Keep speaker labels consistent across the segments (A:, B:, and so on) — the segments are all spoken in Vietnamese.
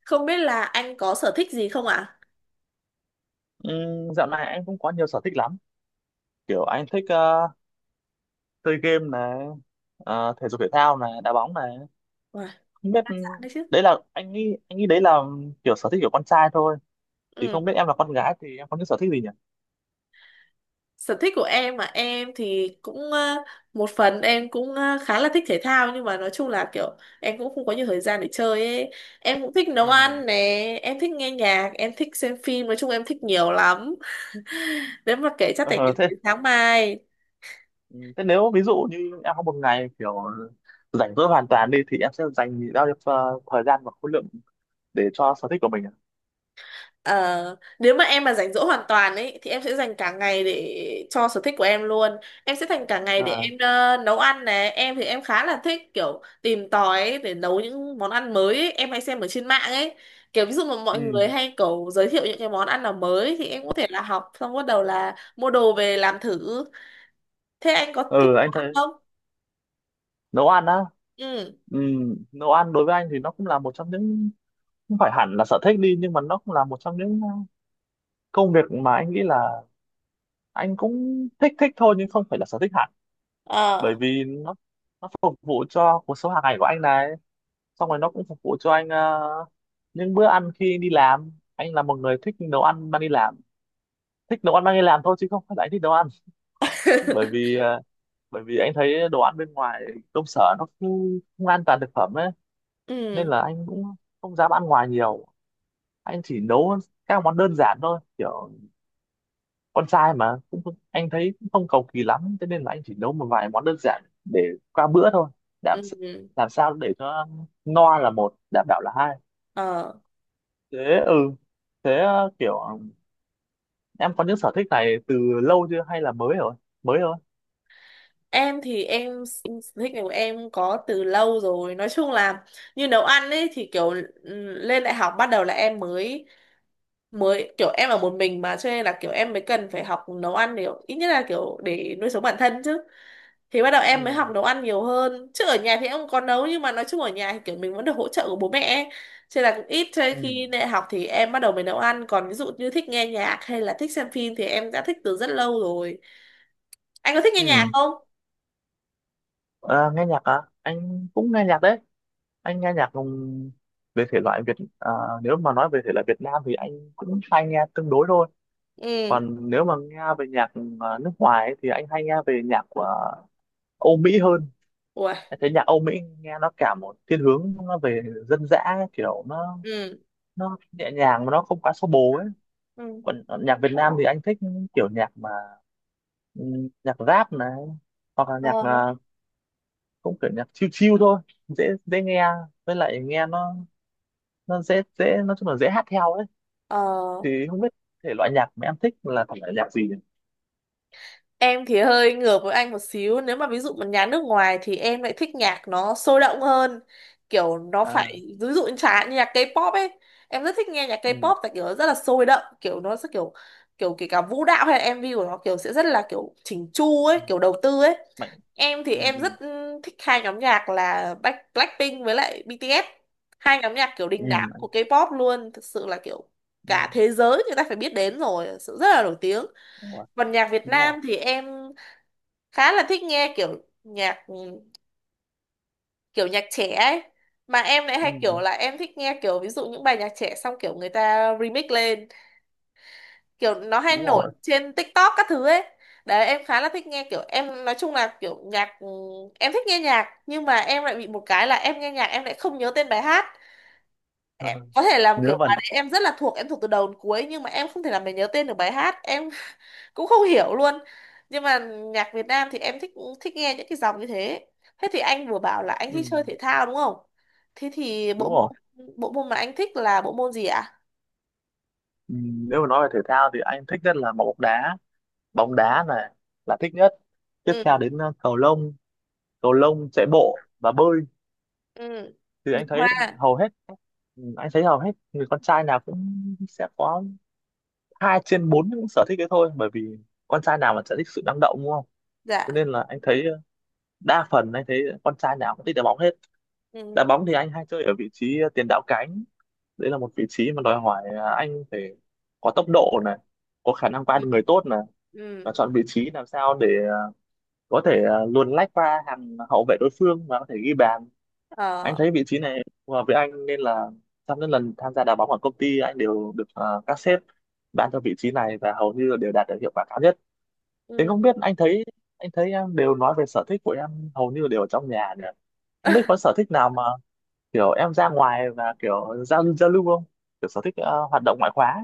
A: Không biết là anh có sở thích gì không ạ?
B: Dạo này anh cũng có nhiều sở thích lắm, kiểu anh thích chơi game này, thể dục thể thao này, đá bóng này.
A: Wow,
B: Không biết,
A: đa dạng đấy chứ.
B: đấy là anh nghĩ, đấy là kiểu sở thích của con trai thôi, thì
A: Ừ.
B: không biết em là con gái thì em có những sở thích gì nhỉ?
A: Sở thích của em mà em thì cũng một phần em cũng khá là thích thể thao nhưng mà nói chung là kiểu em cũng không có nhiều thời gian để chơi ấy. Em cũng thích nấu
B: Ừ.
A: ăn nè, em thích nghe nhạc, em thích xem phim, nói chung em thích nhiều lắm. Nếu mà kể chắc phải kể
B: Ờ, thế
A: đến sáng mai.
B: thế nếu ví dụ như em có một ngày kiểu rảnh rỗi hoàn toàn đi thì em sẽ dành bao nhiêu thời gian và khối lượng để cho sở thích của mình ạ?
A: Ờ, Nếu mà em mà rảnh rỗi hoàn toàn ấy thì em sẽ dành cả ngày để cho sở thích của em luôn. Em sẽ dành cả ngày để
B: À.
A: em nấu ăn này. Em thì em khá là thích kiểu tìm tòi ấy, để nấu những món ăn mới ấy. Em hay xem ở trên mạng ấy. Kiểu ví dụ mà mọi
B: Ừ.
A: người hay kiểu giới thiệu những cái món ăn nào mới thì em có thể là học xong bắt đầu là mua đồ về làm thử. Thế anh có thích
B: Ừ,
A: nấu
B: anh
A: ăn
B: thấy
A: không?
B: nấu ăn á.
A: Ừ.
B: Ừ, nấu ăn đối với anh thì nó cũng là một trong những, không phải hẳn là sở thích đi, nhưng mà nó cũng là một trong những công việc mà anh nghĩ là anh cũng thích thích thôi, nhưng không phải là sở thích hẳn.
A: Ờ.
B: Bởi vì nó phục vụ cho cuộc sống hàng ngày của anh này, xong rồi nó cũng phục vụ cho anh những bữa ăn khi anh đi làm. Anh là một người thích nấu ăn mang đi làm, thích nấu ăn mang đi làm thôi chứ không phải là anh thích nấu ăn, bởi vì uh, bởi vì anh thấy đồ ăn bên ngoài công sở nó không an toàn thực phẩm ấy, nên
A: Ừ.
B: là anh cũng không dám ăn ngoài nhiều. Anh chỉ nấu các món đơn giản thôi, kiểu con trai mà cũng anh thấy cũng không cầu kỳ lắm, thế nên là anh chỉ nấu một vài món đơn giản để qua bữa thôi. làm s-
A: Ừ.
B: làm sao để cho no là một, đảm bảo là hai.
A: Ờ.
B: Thế. Ừ. Thế, kiểu em có những sở thích này từ lâu chưa hay là mới rồi, mới thôi?
A: Thích của em có từ lâu rồi. Nói chung là như nấu ăn ấy thì kiểu lên đại học bắt đầu là em mới mới kiểu em ở một mình mà cho nên là kiểu em mới cần phải học nấu ăn để ít nhất là kiểu để nuôi sống bản thân chứ. Thì bắt đầu em mới
B: Ừ.
A: học nấu ăn nhiều hơn. Chứ ở nhà thì em cũng có nấu nhưng mà nói chung ở nhà thì kiểu mình vẫn được hỗ trợ của bố mẹ ấy. Cho nên là cũng ít cho nên
B: Ừ.
A: khi đại học thì em bắt đầu mới nấu ăn, còn ví dụ như thích nghe nhạc hay là thích xem phim thì em đã thích từ rất lâu rồi. Anh có thích nghe nhạc
B: Ừ.
A: không?
B: Ờ, nghe nhạc à? Anh cũng nghe nhạc đấy. Anh nghe nhạc về thể loại Việt. à, Nếu mà nói về thể loại Việt Nam thì anh cũng hay nghe tương đối thôi,
A: Ừ.
B: còn nếu mà nghe về nhạc nước ngoài ấy, thì anh hay nghe về nhạc của Âu Mỹ hơn.
A: Ủa,
B: Em thấy nhạc Âu Mỹ nghe nó cả một thiên hướng nó về dân dã ấy, kiểu nó,
A: ừ.
B: nhẹ nhàng mà nó không quá xô bồ ấy.
A: Ừ.
B: Còn nhạc Việt Nam thì anh thích kiểu nhạc mà nhạc rap này, hoặc là
A: Ờ,
B: nhạc cũng kiểu nhạc chill chill thôi, dễ dễ nghe, với lại nghe nó, dễ dễ, nói chung là dễ hát theo ấy.
A: ờ,
B: Thì không biết thể loại nhạc mà em thích là thể loại nhạc gì nhỉ?
A: em thì hơi ngược với anh một xíu. Nếu mà ví dụ một nhà nước ngoài thì em lại thích nhạc nó sôi động hơn. Kiểu nó phải,
B: À.
A: ví dụ như chẳng hạn như nhạc K-pop ấy. Em rất thích nghe nhạc
B: Ừ.
A: K-pop tại kiểu nó rất là sôi động. Kiểu nó sẽ kiểu, kiểu kể cả vũ đạo hay là MV của nó kiểu sẽ rất là kiểu chỉnh chu ấy,
B: Ừ.
A: kiểu đầu tư ấy.
B: Mạnh.
A: Em thì
B: Ừ.
A: em rất thích hai nhóm nhạc là Blackpink với lại BTS. Hai nhóm nhạc kiểu
B: Ừ.
A: đình
B: Ừ.
A: đám của K-pop luôn, thực sự là kiểu
B: Ừ.
A: cả thế giới người ta phải biết đến rồi, thực sự rất là nổi tiếng.
B: Đúng rồi.
A: Còn nhạc Việt
B: Đúng rồi.
A: Nam thì em khá là thích nghe kiểu nhạc kiểu nhạc trẻ ấy. Mà em lại
B: Ừ.
A: hay kiểu là em thích nghe kiểu ví dụ những bài nhạc trẻ xong kiểu người ta remix lên, kiểu nó hay
B: Đúng
A: nổi
B: rồi.
A: trên TikTok các thứ ấy. Đấy em khá là thích nghe, kiểu em nói chung là kiểu nhạc em thích nghe nhạc nhưng mà em lại bị một cái là em nghe nhạc em lại không nhớ tên bài hát em,
B: Ờ,
A: có thể làm
B: ngớ
A: kiểu bài
B: vẩn.
A: đấy em rất là thuộc, em thuộc từ đầu đến cuối nhưng mà em không thể làm mình nhớ tên được bài hát em. Cũng không hiểu luôn, nhưng mà nhạc Việt Nam thì em thích, thích nghe những cái dòng như thế. Thế thì anh vừa bảo là anh
B: Ừ.
A: thích chơi thể thao đúng không? Thế thì
B: Đúng rồi.
A: bộ môn mà anh thích là bộ môn gì ạ?
B: Ừ, nếu mà nói về thể thao thì anh thích nhất là bóng đá, bóng đá này là thích nhất, tiếp theo
A: Ừ.
B: đến cầu lông, cầu lông, chạy bộ và bơi.
A: Ừ.
B: thì
A: Nhịp
B: anh thấy
A: hoa.
B: hầu hết ừ, anh thấy hầu hết người con trai nào cũng sẽ có hai trên bốn những sở thích đấy thôi, bởi vì con trai nào mà sẽ thích sự năng động đúng không?
A: Dạ.
B: Cho nên là anh thấy đa phần anh thấy con trai nào cũng thích đá bóng hết. Đá
A: Ừ.
B: bóng thì anh hay chơi ở vị trí tiền đạo cánh. Đấy là một vị trí mà đòi hỏi anh phải có tốc độ này, có khả năng qua
A: Ừ.
B: được người tốt này, và
A: Ừ.
B: chọn vị trí làm sao để có thể luồn lách qua hàng hậu vệ đối phương và có thể ghi bàn. Anh
A: Ờ.
B: thấy vị trí này phù hợp với anh, nên là trong những lần tham gia đá bóng ở công ty anh đều được các sếp ban cho vị trí này và hầu như là đều đạt được hiệu quả cao nhất. Thế
A: Ừ.
B: không biết, anh thấy, em đều nói về sở thích của em hầu như đều ở trong nhà nhỉ? Không biết có sở thích nào mà kiểu em ra ngoài và kiểu giao giao lưu không? Kiểu sở thích hoạt động ngoại khóa.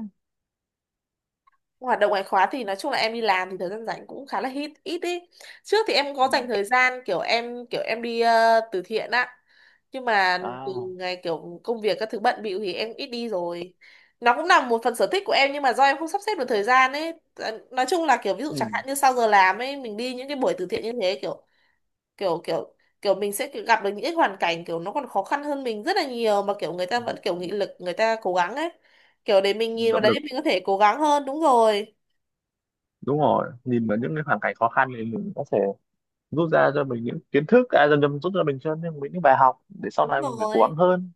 A: Hoạt động ngoại khóa thì nói chung là em đi làm thì thời gian rảnh cũng khá là ít ít ý. Trước thì em có dành thời
B: Ừ.
A: gian kiểu em đi từ thiện á, nhưng mà từ
B: À.
A: ngày kiểu công việc các thứ bận bịu thì em ít đi rồi. Nó cũng là một phần sở thích của em nhưng mà do em không sắp xếp được thời gian ấy. Ờ, nói chung là kiểu ví dụ chẳng
B: Ừ.
A: hạn như sau giờ làm ấy mình đi những cái buổi từ thiện như thế, kiểu kiểu kiểu kiểu mình sẽ kiểu gặp được những cái hoàn cảnh kiểu nó còn khó khăn hơn mình rất là nhiều mà kiểu người ta
B: Ừ.
A: vẫn kiểu nghị lực người ta cố gắng ấy, kiểu để mình nhìn vào
B: Động
A: đấy
B: lực.
A: mình có thể cố gắng hơn. Đúng rồi.
B: Đúng rồi, nhìn vào những cái hoàn cảnh khó khăn thì mình có thể rút ra cho mình những kiến thức, dần dần rút ra mình cho nên mình những bài học để sau
A: Đúng
B: này mình phải cố gắng
A: rồi.
B: hơn.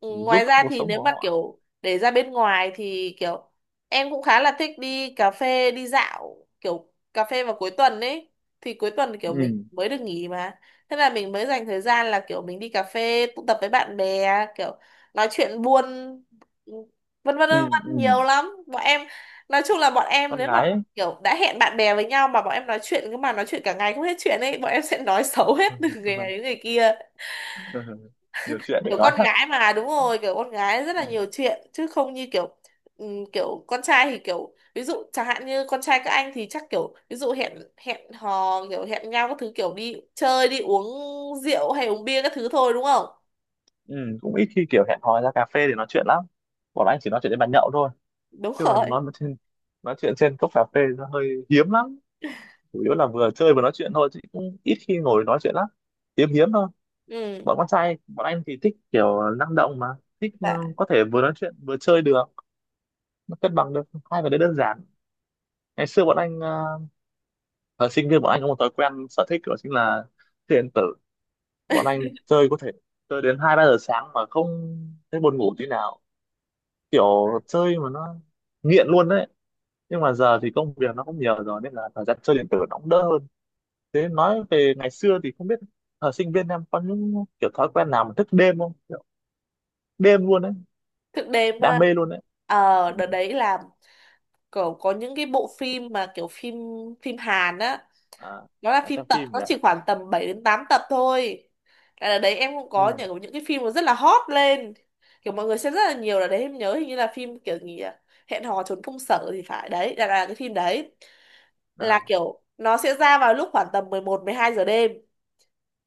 A: Ừ,
B: Giúp
A: ngoài ra
B: cuộc
A: thì
B: sống
A: nếu
B: của
A: mà
B: họ.
A: kiểu để ra bên ngoài thì kiểu em cũng khá là thích đi cà phê đi dạo, kiểu cà phê vào cuối tuần ấy. Thì cuối tuần kiểu mình
B: Ừ.
A: mới được nghỉ mà, thế là mình mới dành thời gian là kiểu mình đi cà phê tụ tập với bạn bè, kiểu nói chuyện buôn, ừ, vân vân vân
B: Ừ.
A: vân
B: Ừ.
A: nhiều lắm bọn em. Nói chung là bọn em
B: Con
A: nếu mà
B: gái ấy.
A: kiểu đã hẹn bạn bè với nhau mà bọn em nói chuyện cứ mà nói chuyện cả ngày không hết chuyện ấy, bọn em sẽ nói xấu hết từ người này đến người kia.
B: Nhiều chuyện để
A: Kiểu
B: nói
A: con
B: thật.
A: gái mà, đúng rồi, kiểu con gái rất là
B: Ừ.
A: nhiều chuyện chứ không như kiểu kiểu con trai thì kiểu ví dụ chẳng hạn như con trai các anh thì chắc kiểu ví dụ hẹn hẹn hò kiểu hẹn nhau các thứ kiểu đi chơi đi uống rượu hay uống bia các thứ thôi đúng không?
B: Ừ. Cũng ít khi kiểu hẹn hò ra cà phê để nói chuyện lắm, bọn anh chỉ nói chuyện đến bàn nhậu thôi,
A: Đúng
B: chứ còn
A: rồi.
B: nói chuyện trên cốc cà phê nó hơi hiếm lắm. Chủ yếu là vừa chơi vừa nói chuyện thôi, chứ cũng ít khi ngồi nói chuyện lắm, hiếm hiếm thôi.
A: Ừ.
B: Bọn con trai bọn anh thì thích kiểu năng động mà, thích
A: Dạ.
B: có thể vừa nói chuyện vừa chơi được, nó cân bằng được hai cái đấy đơn giản. Ngày xưa bọn anh thời sinh viên bọn anh có một thói quen sở thích đó chính là chơi điện tử. Bọn anh chơi, có thể chơi đến hai ba giờ sáng mà không thấy buồn ngủ tí nào, kiểu chơi mà nó nghiện luôn đấy. Nhưng mà giờ thì công việc nó cũng nhiều rồi nên là thời gian chơi điện tử nó cũng đỡ hơn. Thế nói về ngày xưa thì không biết thời sinh viên em có những kiểu thói quen nào mà thức đêm không, kiểu đêm luôn đấy,
A: Thực đề mà.
B: đam mê luôn đấy.
A: Ờ đợt đấy là kiểu có những cái bộ phim mà kiểu phim phim Hàn á,
B: À,
A: nó là
B: là
A: phim
B: xem
A: tập
B: phim
A: nó
B: nhỉ.
A: chỉ khoảng tầm 7 đến 8 tập thôi. Tại là đấy em cũng có
B: Ừ.
A: những cái phim nó rất là hot lên, kiểu mọi người xem rất là nhiều là đấy, em nhớ hình như là phim kiểu gì à? Hẹn hò trốn công sở thì phải, đấy là cái phim đấy, là
B: À.
A: kiểu nó sẽ ra vào lúc khoảng tầm mười một mười hai giờ đêm.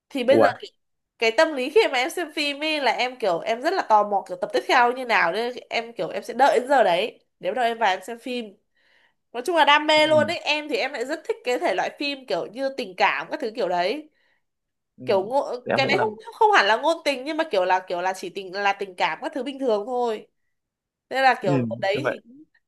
A: Thì bây giờ
B: Ủa.
A: cái tâm lý khi mà em xem phim ấy là em kiểu em rất là tò mò kiểu tập tiếp theo như nào nên em kiểu em sẽ đợi đến giờ đấy để bắt đầu em vào em xem phim. Nói chung là đam mê
B: Ừ.
A: luôn ấy, em thì em lại rất thích cái thể loại phim kiểu như tình cảm các thứ kiểu đấy,
B: Ừ.
A: kiểu ngộ,
B: Thì em
A: cái
B: cũng
A: này không
B: làm.
A: không hẳn là ngôn tình nhưng mà kiểu là chỉ tình là tình cảm các thứ bình thường thôi. Nên là
B: Ừ.
A: kiểu đợt
B: Như
A: đấy thì
B: vậy.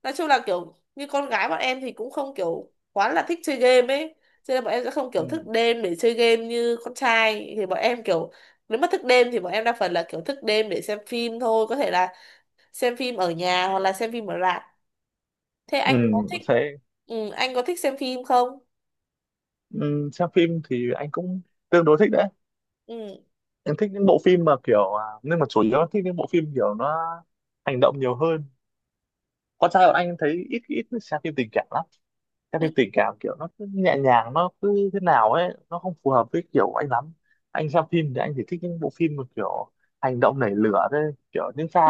A: nói chung là kiểu như con gái bọn em thì cũng không kiểu quá là thích chơi game ấy, cho nên bọn em sẽ không
B: Ừ.
A: kiểu thức đêm để chơi game như con trai, thì bọn em kiểu nếu mà thức đêm thì bọn em đa phần là kiểu thức đêm để xem phim thôi, có thể là xem phim ở nhà hoặc là xem phim ở rạp. Thế
B: Ừ.
A: anh có thích
B: Thế.
A: anh có thích xem phim không?
B: Ừ. Xem phim thì anh cũng tương đối thích đấy.
A: Ừ.
B: Anh thích những bộ phim mà kiểu nhưng mà chủ yếu là thích những bộ phim kiểu nó hành động nhiều hơn. Con trai bọn anh thấy ít ít xem phim tình cảm lắm. Các phim tình cảm kiểu nó cứ nhẹ nhàng, nó cứ như thế nào ấy, nó không phù hợp với kiểu anh lắm. Anh xem phim thì anh chỉ thích những bộ phim mà kiểu hành động nảy lửa thôi, kiểu những pha,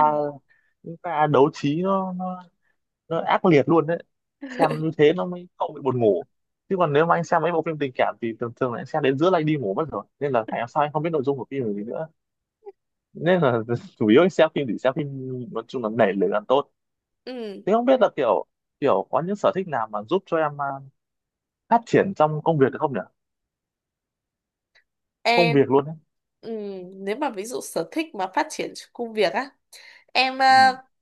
B: đấu trí nó ác liệt luôn đấy. Xem như thế nó mới không bị buồn ngủ, chứ còn nếu mà anh xem mấy bộ phim tình cảm thì thường thường là anh xem đến giữa là anh đi ngủ mất rồi, nên là ngày hôm sau anh không biết nội dung của phim là gì nữa. Nên là chủ yếu anh xem phim thì xem phim, nói chung là nảy lửa là tốt.
A: Ừ.
B: Thế không biết là kiểu, có những sở thích nào mà giúp cho em phát triển trong công việc được không nhỉ? Công
A: Em
B: việc luôn đấy.
A: nếu mà ví dụ sở thích mà phát triển trong công việc á, em
B: Ừ.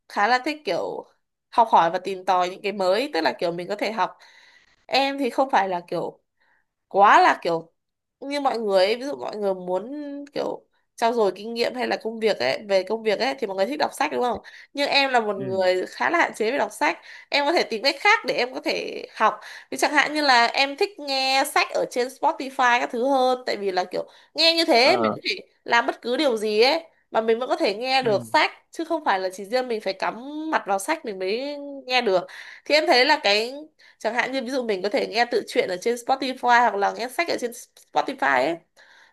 A: khá là thích kiểu học hỏi và tìm tòi những cái mới, tức là kiểu mình có thể học. Em thì không phải là kiểu quá là kiểu như mọi người ấy, ví dụ mọi người muốn kiểu trau dồi kinh nghiệm hay là công việc ấy về công việc ấy thì mọi người thích đọc sách đúng không? Nhưng em là một
B: Ừ.
A: người khá là hạn chế về đọc sách, em có thể tìm cách khác để em có thể học. Ví chẳng hạn như là em thích nghe sách ở trên Spotify các thứ hơn, tại vì là kiểu nghe như thế mình
B: ờ
A: có thể làm bất cứ điều gì ấy mà mình vẫn có thể nghe
B: ừ.
A: được sách chứ không phải là chỉ riêng mình phải cắm mặt vào sách mình mới nghe được. Thì em thấy là cái chẳng hạn như ví dụ mình có thể nghe tự truyện ở trên Spotify hoặc là nghe sách ở trên Spotify ấy,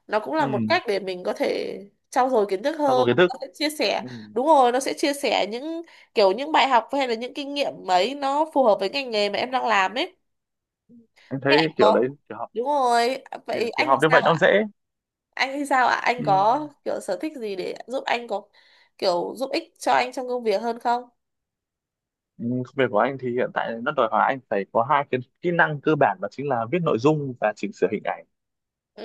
A: nó cũng là một
B: Ừ.
A: cách để mình có thể trau dồi kiến thức
B: Trau dồi
A: hơn,
B: kiến
A: nó
B: thức.
A: sẽ chia sẻ.
B: Ừ.
A: Đúng rồi, nó sẽ chia sẻ những kiểu những bài học hay là những kinh nghiệm ấy nó phù hợp với ngành nghề mà em đang làm ấy.
B: Anh
A: Thế
B: thấy
A: anh
B: kiểu đấy,
A: có
B: kiểu học
A: đúng rồi, à,
B: kiểu,
A: vậy
B: kiểu
A: anh thì
B: học như
A: sao
B: vậy nó
A: ạ?
B: dễ.
A: Anh thì sao ạ, anh
B: Ừ.
A: có kiểu sở thích gì để giúp anh có kiểu giúp ích cho anh trong công việc hơn không?
B: Ừ. Công việc của anh thì hiện tại nó đòi hỏi anh phải có hai cái kỹ năng cơ bản, đó chính là viết nội dung và chỉnh sửa hình ảnh.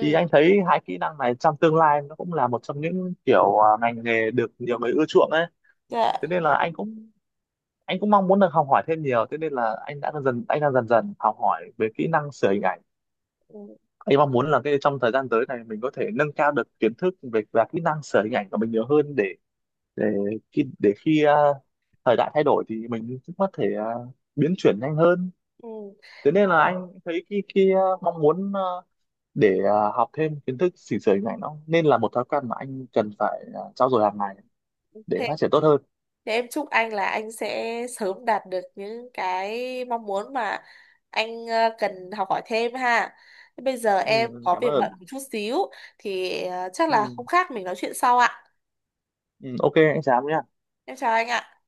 B: Thì anh thấy hai kỹ năng này trong tương lai nó cũng là một trong những kiểu ngành nghề được nhiều người ưa chuộng ấy,
A: Dạ.
B: thế nên là anh cũng mong muốn được học hỏi thêm nhiều. Thế nên là anh đang dần dần học hỏi về kỹ năng sửa hình ảnh.
A: Ừ.
B: Anh mong muốn là cái trong thời gian tới này mình có thể nâng cao được kiến thức về và kỹ năng sửa hình ảnh của mình nhiều hơn, để để khi thời đại thay đổi thì mình cũng có thể biến chuyển nhanh hơn.
A: Ừ.
B: Thế nên là anh thấy khi khi à, học thêm kiến thức chỉnh sửa hình ảnh nó nên là một thói quen mà anh cần phải trau dồi hàng ngày để phát triển tốt hơn.
A: Thế em chúc anh là anh sẽ sớm đạt được những cái mong muốn mà anh cần học hỏi thêm ha. Thế bây giờ em
B: Ừ. Ừ.
A: có
B: Cảm
A: việc
B: ơn.
A: bận một chút xíu, thì chắc là
B: Ừ.
A: không khác mình nói chuyện sau ạ.
B: Ừ. OK anh Trám nhé.
A: Em chào anh ạ.